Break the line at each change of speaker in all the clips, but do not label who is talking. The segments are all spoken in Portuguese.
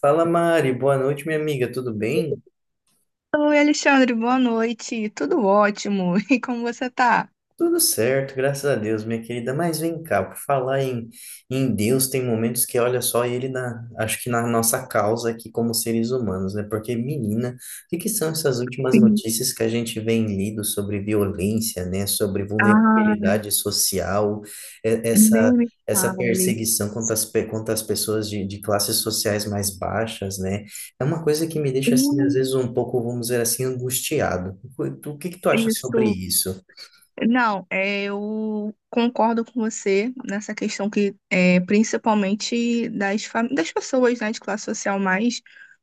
Fala Mari, boa noite, minha amiga, tudo bem?
Oi, Alexandre, boa noite. Tudo ótimo. E como você tá?
Tudo certo, graças a Deus, minha querida. Mas vem cá, por falar em Deus, tem momentos que olha só ele na, acho que na nossa causa aqui como seres humanos, né? Porque, menina, o que que são essas últimas
Sim.
notícias que a gente vem lido sobre violência, né? Sobre
Ah,
vulnerabilidade social, e-
nem
essa,
me
essa
fale.
perseguição contra as pessoas de classes sociais mais baixas, né? É uma coisa que me deixa, assim, às
Hum.
vezes um pouco, vamos dizer assim, angustiado. O que que tu acha sobre
Isso.
isso?
Não, é, eu concordo com você nessa questão que é principalmente das, das pessoas, né, de classe social mais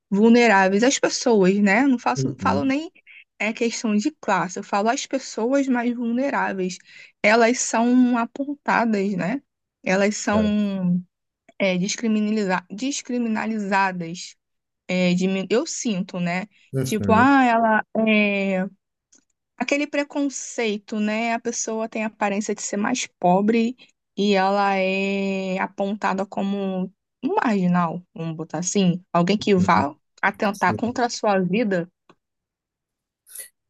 vulneráveis. As pessoas, né? Não faço, falo
Uhum,
nem é questão de classe, eu falo as pessoas mais vulneráveis. Elas são apontadas, né? Elas
sabe?
são. É, descriminalizadas. É, eu sinto, né? Tipo,
Uhum,
ah, ela é aquele preconceito, né? A pessoa tem a aparência de ser mais pobre e ela é apontada como um marginal, vamos botar assim, alguém que
uhum.
vá atentar
Sim.
contra a sua vida.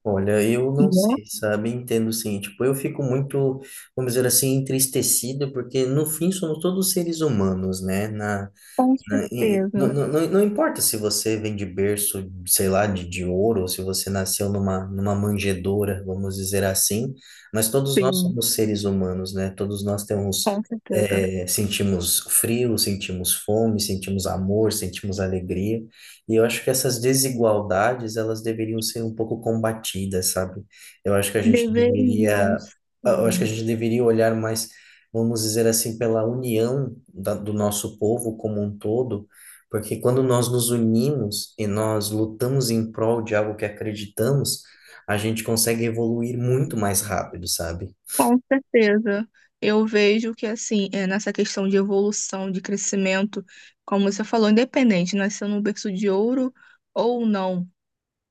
Olha, eu não
Né?
sei, sabe? Entendo sim. Tipo, eu fico muito, vamos dizer assim, entristecido, porque no fim somos todos seres humanos, né?
Com
Né? E
certeza,
não, não, não importa se você vem de berço, sei lá, de ouro, ou se você nasceu numa manjedoura, vamos dizer assim, mas todos nós
sim,
somos seres humanos, né? Todos nós temos,
com certeza.
é, sentimos frio, sentimos fome, sentimos amor, sentimos alegria, e eu acho que essas desigualdades, elas deveriam ser um pouco combatidas, sabe? Eu acho que a gente
Deveriam,
deveria, eu acho que a
sim.
gente deveria olhar mais vamos dizer assim, pela união da, do nosso povo como um todo, porque quando nós nos unimos e nós lutamos em prol de algo que acreditamos, a gente consegue evoluir muito mais rápido, sabe?
Com certeza. Eu vejo que, assim, é, nessa questão de evolução, de crescimento, como você falou, independente, nasceu num berço de ouro ou não,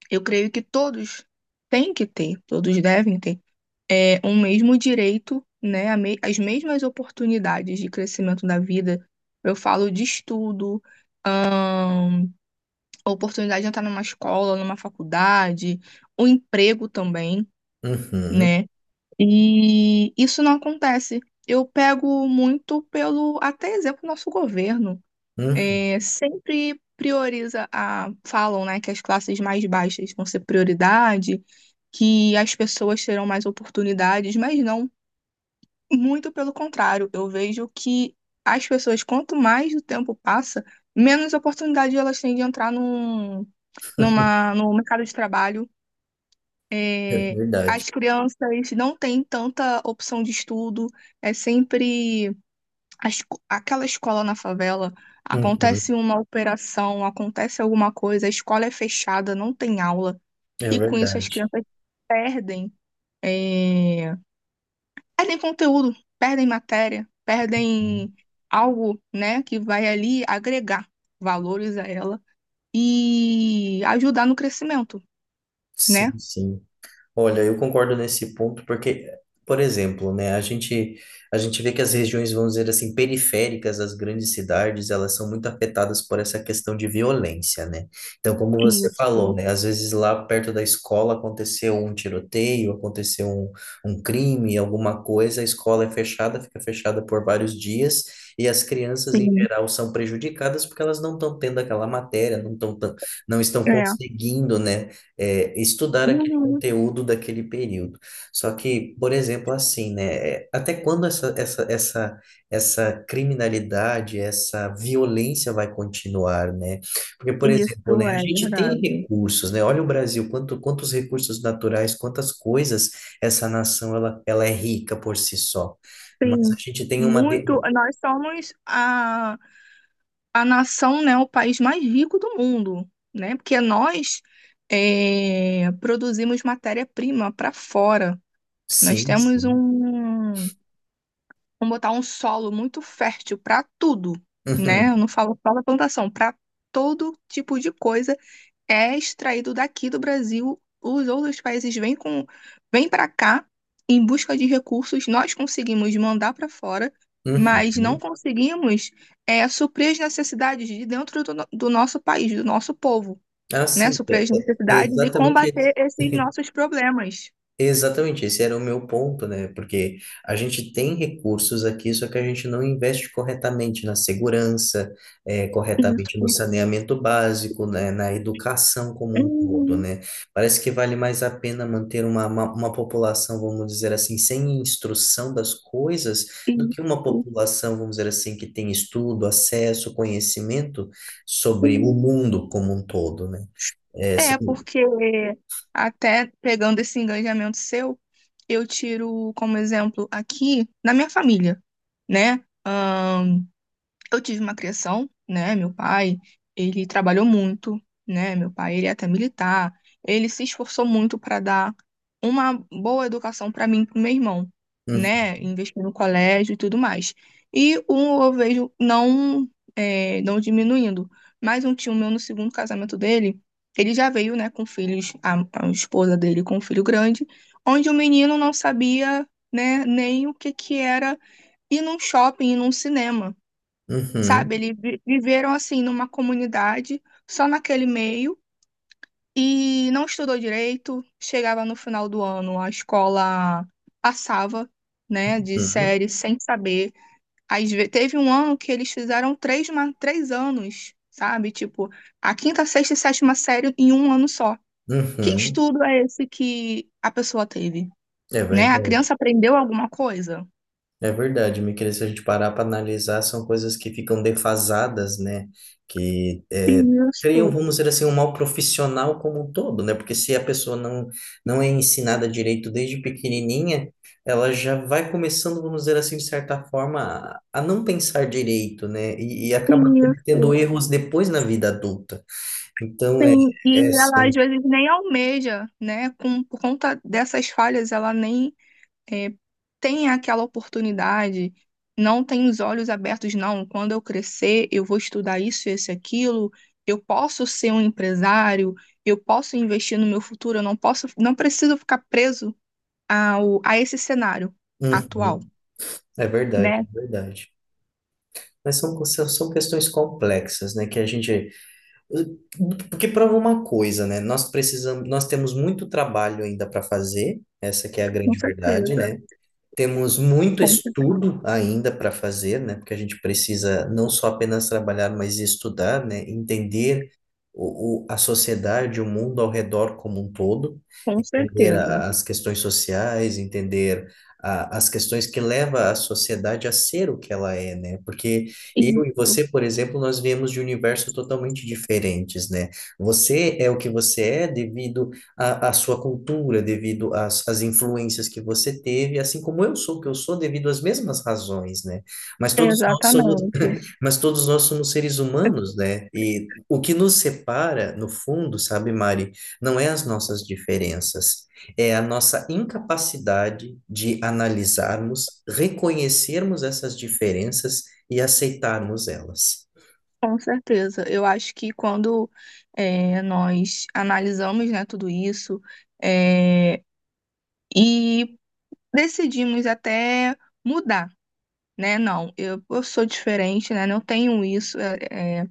eu creio que todos têm que ter, todos devem ter, é, um mesmo direito, né, as mesmas oportunidades de crescimento da vida. Eu falo de estudo, a oportunidade de entrar numa escola, numa faculdade, o emprego também,
Uhum,
né? E isso não acontece. Eu pego muito pelo, até exemplo, nosso governo.
uhum,
É, sempre prioriza a, falam, né, que as classes mais baixas vão ser prioridade, que as pessoas terão mais oportunidades, mas não, muito pelo contrário. Eu vejo que as pessoas, quanto mais o tempo passa, menos oportunidade elas têm de entrar num, numa, no mercado de trabalho.
é
É,
verdade.
as crianças não têm tanta opção de estudo, é sempre aquela escola na favela. Acontece
Uhum,
uma operação, acontece alguma coisa, a escola é fechada, não tem aula,
é
e com isso as
verdade.
crianças perdem, é, perdem conteúdo, perdem matéria, perdem algo, né, que vai ali agregar valores a ela e ajudar no crescimento, né?
Sim, sim. Olha, eu concordo nesse ponto porque, por exemplo, né, a gente vê que as regiões, vamos dizer assim, periféricas das grandes cidades, elas são muito afetadas por essa questão de violência, né? Então, como você
Isso,
falou, né, às vezes lá perto da escola aconteceu um tiroteio, aconteceu um, um crime, alguma coisa, a escola é fechada, fica fechada por vários dias. E as crianças, em
sim.
geral, são prejudicadas porque elas não estão tendo aquela matéria, não estão
É.
conseguindo, né, é, estudar
Uhum.
conteúdo daquele período. Só que, por exemplo, assim, né? é, Até quando essa criminalidade, essa violência vai continuar, né? Porque, por
Isso
exemplo, né, a
é
gente tem
verdade.
recursos, né? Olha o Brasil, quanto, quantos recursos naturais, quantas coisas essa nação ela é rica por si só. Mas a
Sim,
gente tem uma. De...
muito. Nós somos a nação, né, o país mais rico do mundo, né? Porque nós é, produzimos matéria-prima para fora. Nós
Sim,
temos um,
sim.
vamos botar um solo muito fértil para tudo, né? Eu não falo só da plantação, para todo tipo de coisa é extraído daqui do Brasil, os outros países vêm com, vêm para cá em busca de recursos, nós conseguimos mandar para fora,
Uhum,
mas não
uhum.
conseguimos é, suprir as necessidades de dentro do, do nosso país, do nosso povo,
Ah,
né?
sim,
Suprir
é,
as
é- é
necessidades e
exatamente
combater esses nossos problemas.
Exatamente, esse era o meu ponto, né? Porque a gente tem recursos aqui, só que a gente não investe corretamente na segurança, eh,
Isso.
corretamente no saneamento básico, né? Na educação como um todo,
Uhum.
né? Parece que vale mais a pena manter uma, uma população, vamos dizer assim, sem instrução das coisas, do que uma
Isso.
população, vamos dizer assim, que tem estudo, acesso, conhecimento sobre o
Sim.
mundo como um todo, né? Eh,
É,
são-
porque até pegando esse engajamento seu, eu tiro como exemplo aqui na minha família, né? Eu tive uma criação, né? Meu pai, ele trabalhou muito, né? Meu pai, ele é até militar. Ele se esforçou muito para dar uma boa educação para mim e para meu irmão,
Uhum,
né? Investir no colégio e tudo mais. E um eu vejo não, é, não diminuindo, mas um tio meu no segundo casamento dele, ele já veio, né, com filhos, a esposa dele com um filho grande, onde o menino não sabia, né, nem o que que era ir num shopping, ir num cinema,
uhum,
sabe? Eles viveram assim numa comunidade, só naquele meio, e não estudou direito. Chegava no final do ano, a escola passava, né, de
uhum.
série sem saber. Teve um ano que eles fizeram três, 3 anos, sabe? Tipo, a quinta, sexta e sétima série em um ano só. Que
Uhum.
estudo é esse que a pessoa teve?
É
Né? A
verdade,
criança aprendeu alguma coisa?
é verdade, Miquel, se a gente parar para analisar, são coisas que ficam defasadas, né? Que é, criam,
Isso,
vamos dizer assim, um mal profissional como um todo, né? Porque se a pessoa não, não é ensinada direito desde pequenininha, ela já vai começando, vamos dizer assim, de certa forma, a não pensar direito, né? E acaba cometendo
isso.
erros depois na vida adulta. Então, é,
Sim, e
é
ela
assim,
às vezes nem almeja, né? Com, por conta dessas falhas, ela nem é, tem aquela oportunidade, não tem os olhos abertos, não. Quando eu crescer, eu vou estudar isso, esse, aquilo, eu posso ser um empresário, eu posso investir no meu futuro, eu não posso, não preciso ficar preso ao, a esse cenário atual,
uhum, é verdade,
né?
é verdade. Mas são são questões complexas, né? Que a gente Porque prova uma coisa, né? Nós precisamos, nós temos muito trabalho ainda para fazer, essa que é a
Com
grande verdade,
certeza,
né? Temos muito
com certeza,
estudo ainda para fazer, né? Porque a gente precisa não só apenas trabalhar, mas estudar, né? Entender a sociedade, o mundo ao redor como um todo,
com
entender
certeza.
as questões sociais, entender as questões que levam a sociedade a ser o que ela é, né? Porque eu e
Isso,
você, por exemplo, nós viemos de universos totalmente diferentes, né? Você é o que você é devido a sua cultura, devido às, às influências que você teve, assim como eu sou o que eu sou devido às mesmas razões, né? Mas todos nós somos,
exatamente.
mas todos nós somos seres humanos, né? E o que nos separa, no fundo, sabe, Mari, não é as nossas diferenças, é a nossa incapacidade de analisarmos, reconhecermos essas diferenças e aceitarmos elas.
Com certeza. Eu acho que quando nós analisamos, né, tudo isso eh, e decidimos até mudar, né? Não, eu sou diferente, né? Não tenho isso. Eh,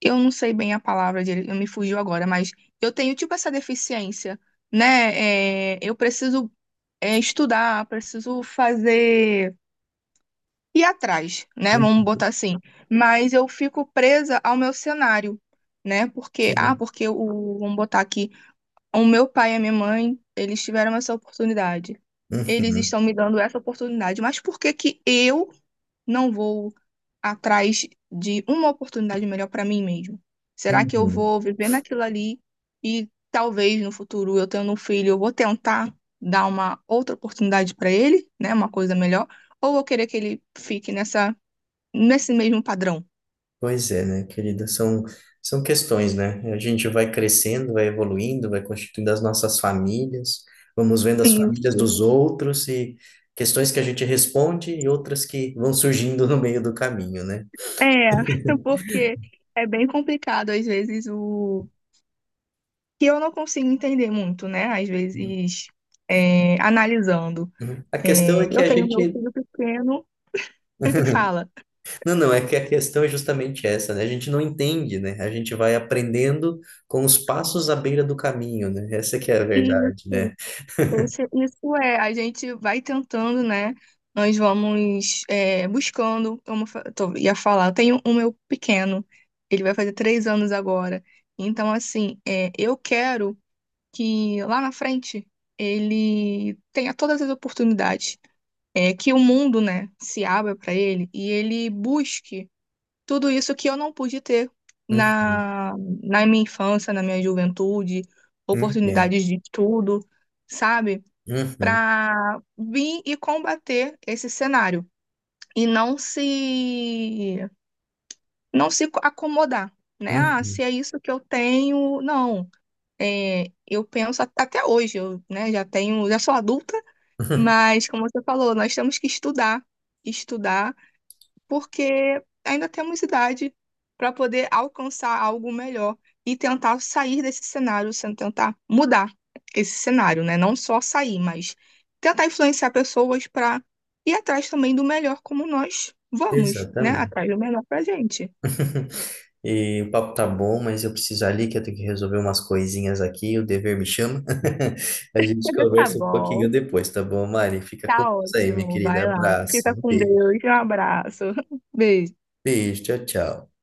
eu não sei bem a palavra dele, me fugiu agora, mas eu tenho tipo essa deficiência, né? Eu preciso estudar, preciso fazer e atrás, né? Vamos botar assim. Mas eu fico presa ao meu cenário, né? Porque, ah,
Uhum,
porque o, vamos botar aqui, o meu pai e a minha mãe, eles tiveram essa oportunidade. Eles
uhum,
estão me dando essa oportunidade. Mas por que que eu não vou atrás de uma oportunidade melhor para mim mesmo? Será que eu
uhum.
vou viver naquilo ali e talvez no futuro eu tendo um filho, eu vou tentar dar uma outra oportunidade para ele, né, uma coisa melhor, ou eu vou querer que ele fique nessa nesse mesmo padrão?
Pois é, né, querida? São questões, né? A gente vai crescendo, vai evoluindo, vai constituindo as nossas famílias, vamos vendo as famílias
Isso.
dos outros e questões que a gente responde e outras que vão surgindo no meio do caminho, né?
É, porque é bem complicado às vezes o que eu não consigo entender muito, né? Às vezes é, analisando.
Uhum. A questão
É,
é que
eu
a
tenho meu
gente.
filho pequeno, que fala.
Não, não, é que a questão é justamente essa, né? A gente não entende, né? A gente vai aprendendo com os passos à beira do caminho, né? Essa que é a
Isso,
verdade, né?
isso é, a gente vai tentando, né? Nós vamos é, buscando, como eu ia falar, eu tenho um meu pequeno, ele vai fazer 3 anos agora. Então, assim, é, eu quero que lá na frente ele tenha todas as oportunidades, é, que o mundo, né, se abra para ele e ele busque. Tudo isso que eu não pude ter
Uhum,
na, na minha infância, na minha juventude,
entendo.
oportunidades de estudo, sabe?
Uhum,
Para vir e combater esse cenário e não se acomodar, né? Ah,
uhum.
se é isso que eu tenho, não. É, eu penso até hoje, eu, né, já tenho, já sou adulta, mas como você falou, nós temos que estudar, estudar porque ainda temos idade para poder alcançar algo melhor e tentar sair desse cenário, sem tentar mudar esse cenário, né? Não só sair, mas tentar influenciar pessoas para ir atrás também do melhor como nós vamos, né? Atrás
Exatamente.
do melhor pra gente.
E o papo tá bom, mas eu preciso ali que eu tenho que resolver umas coisinhas aqui, o dever me chama. A gente
Tá
conversa um
bom,
pouquinho depois, tá bom, Mari? Fica com
tá
Deus aí, minha
ótimo.
querida.
Vai lá. Fica
Abraço,
com
beijo.
Deus. Um abraço. Beijo.
Beijo, tchau, tchau.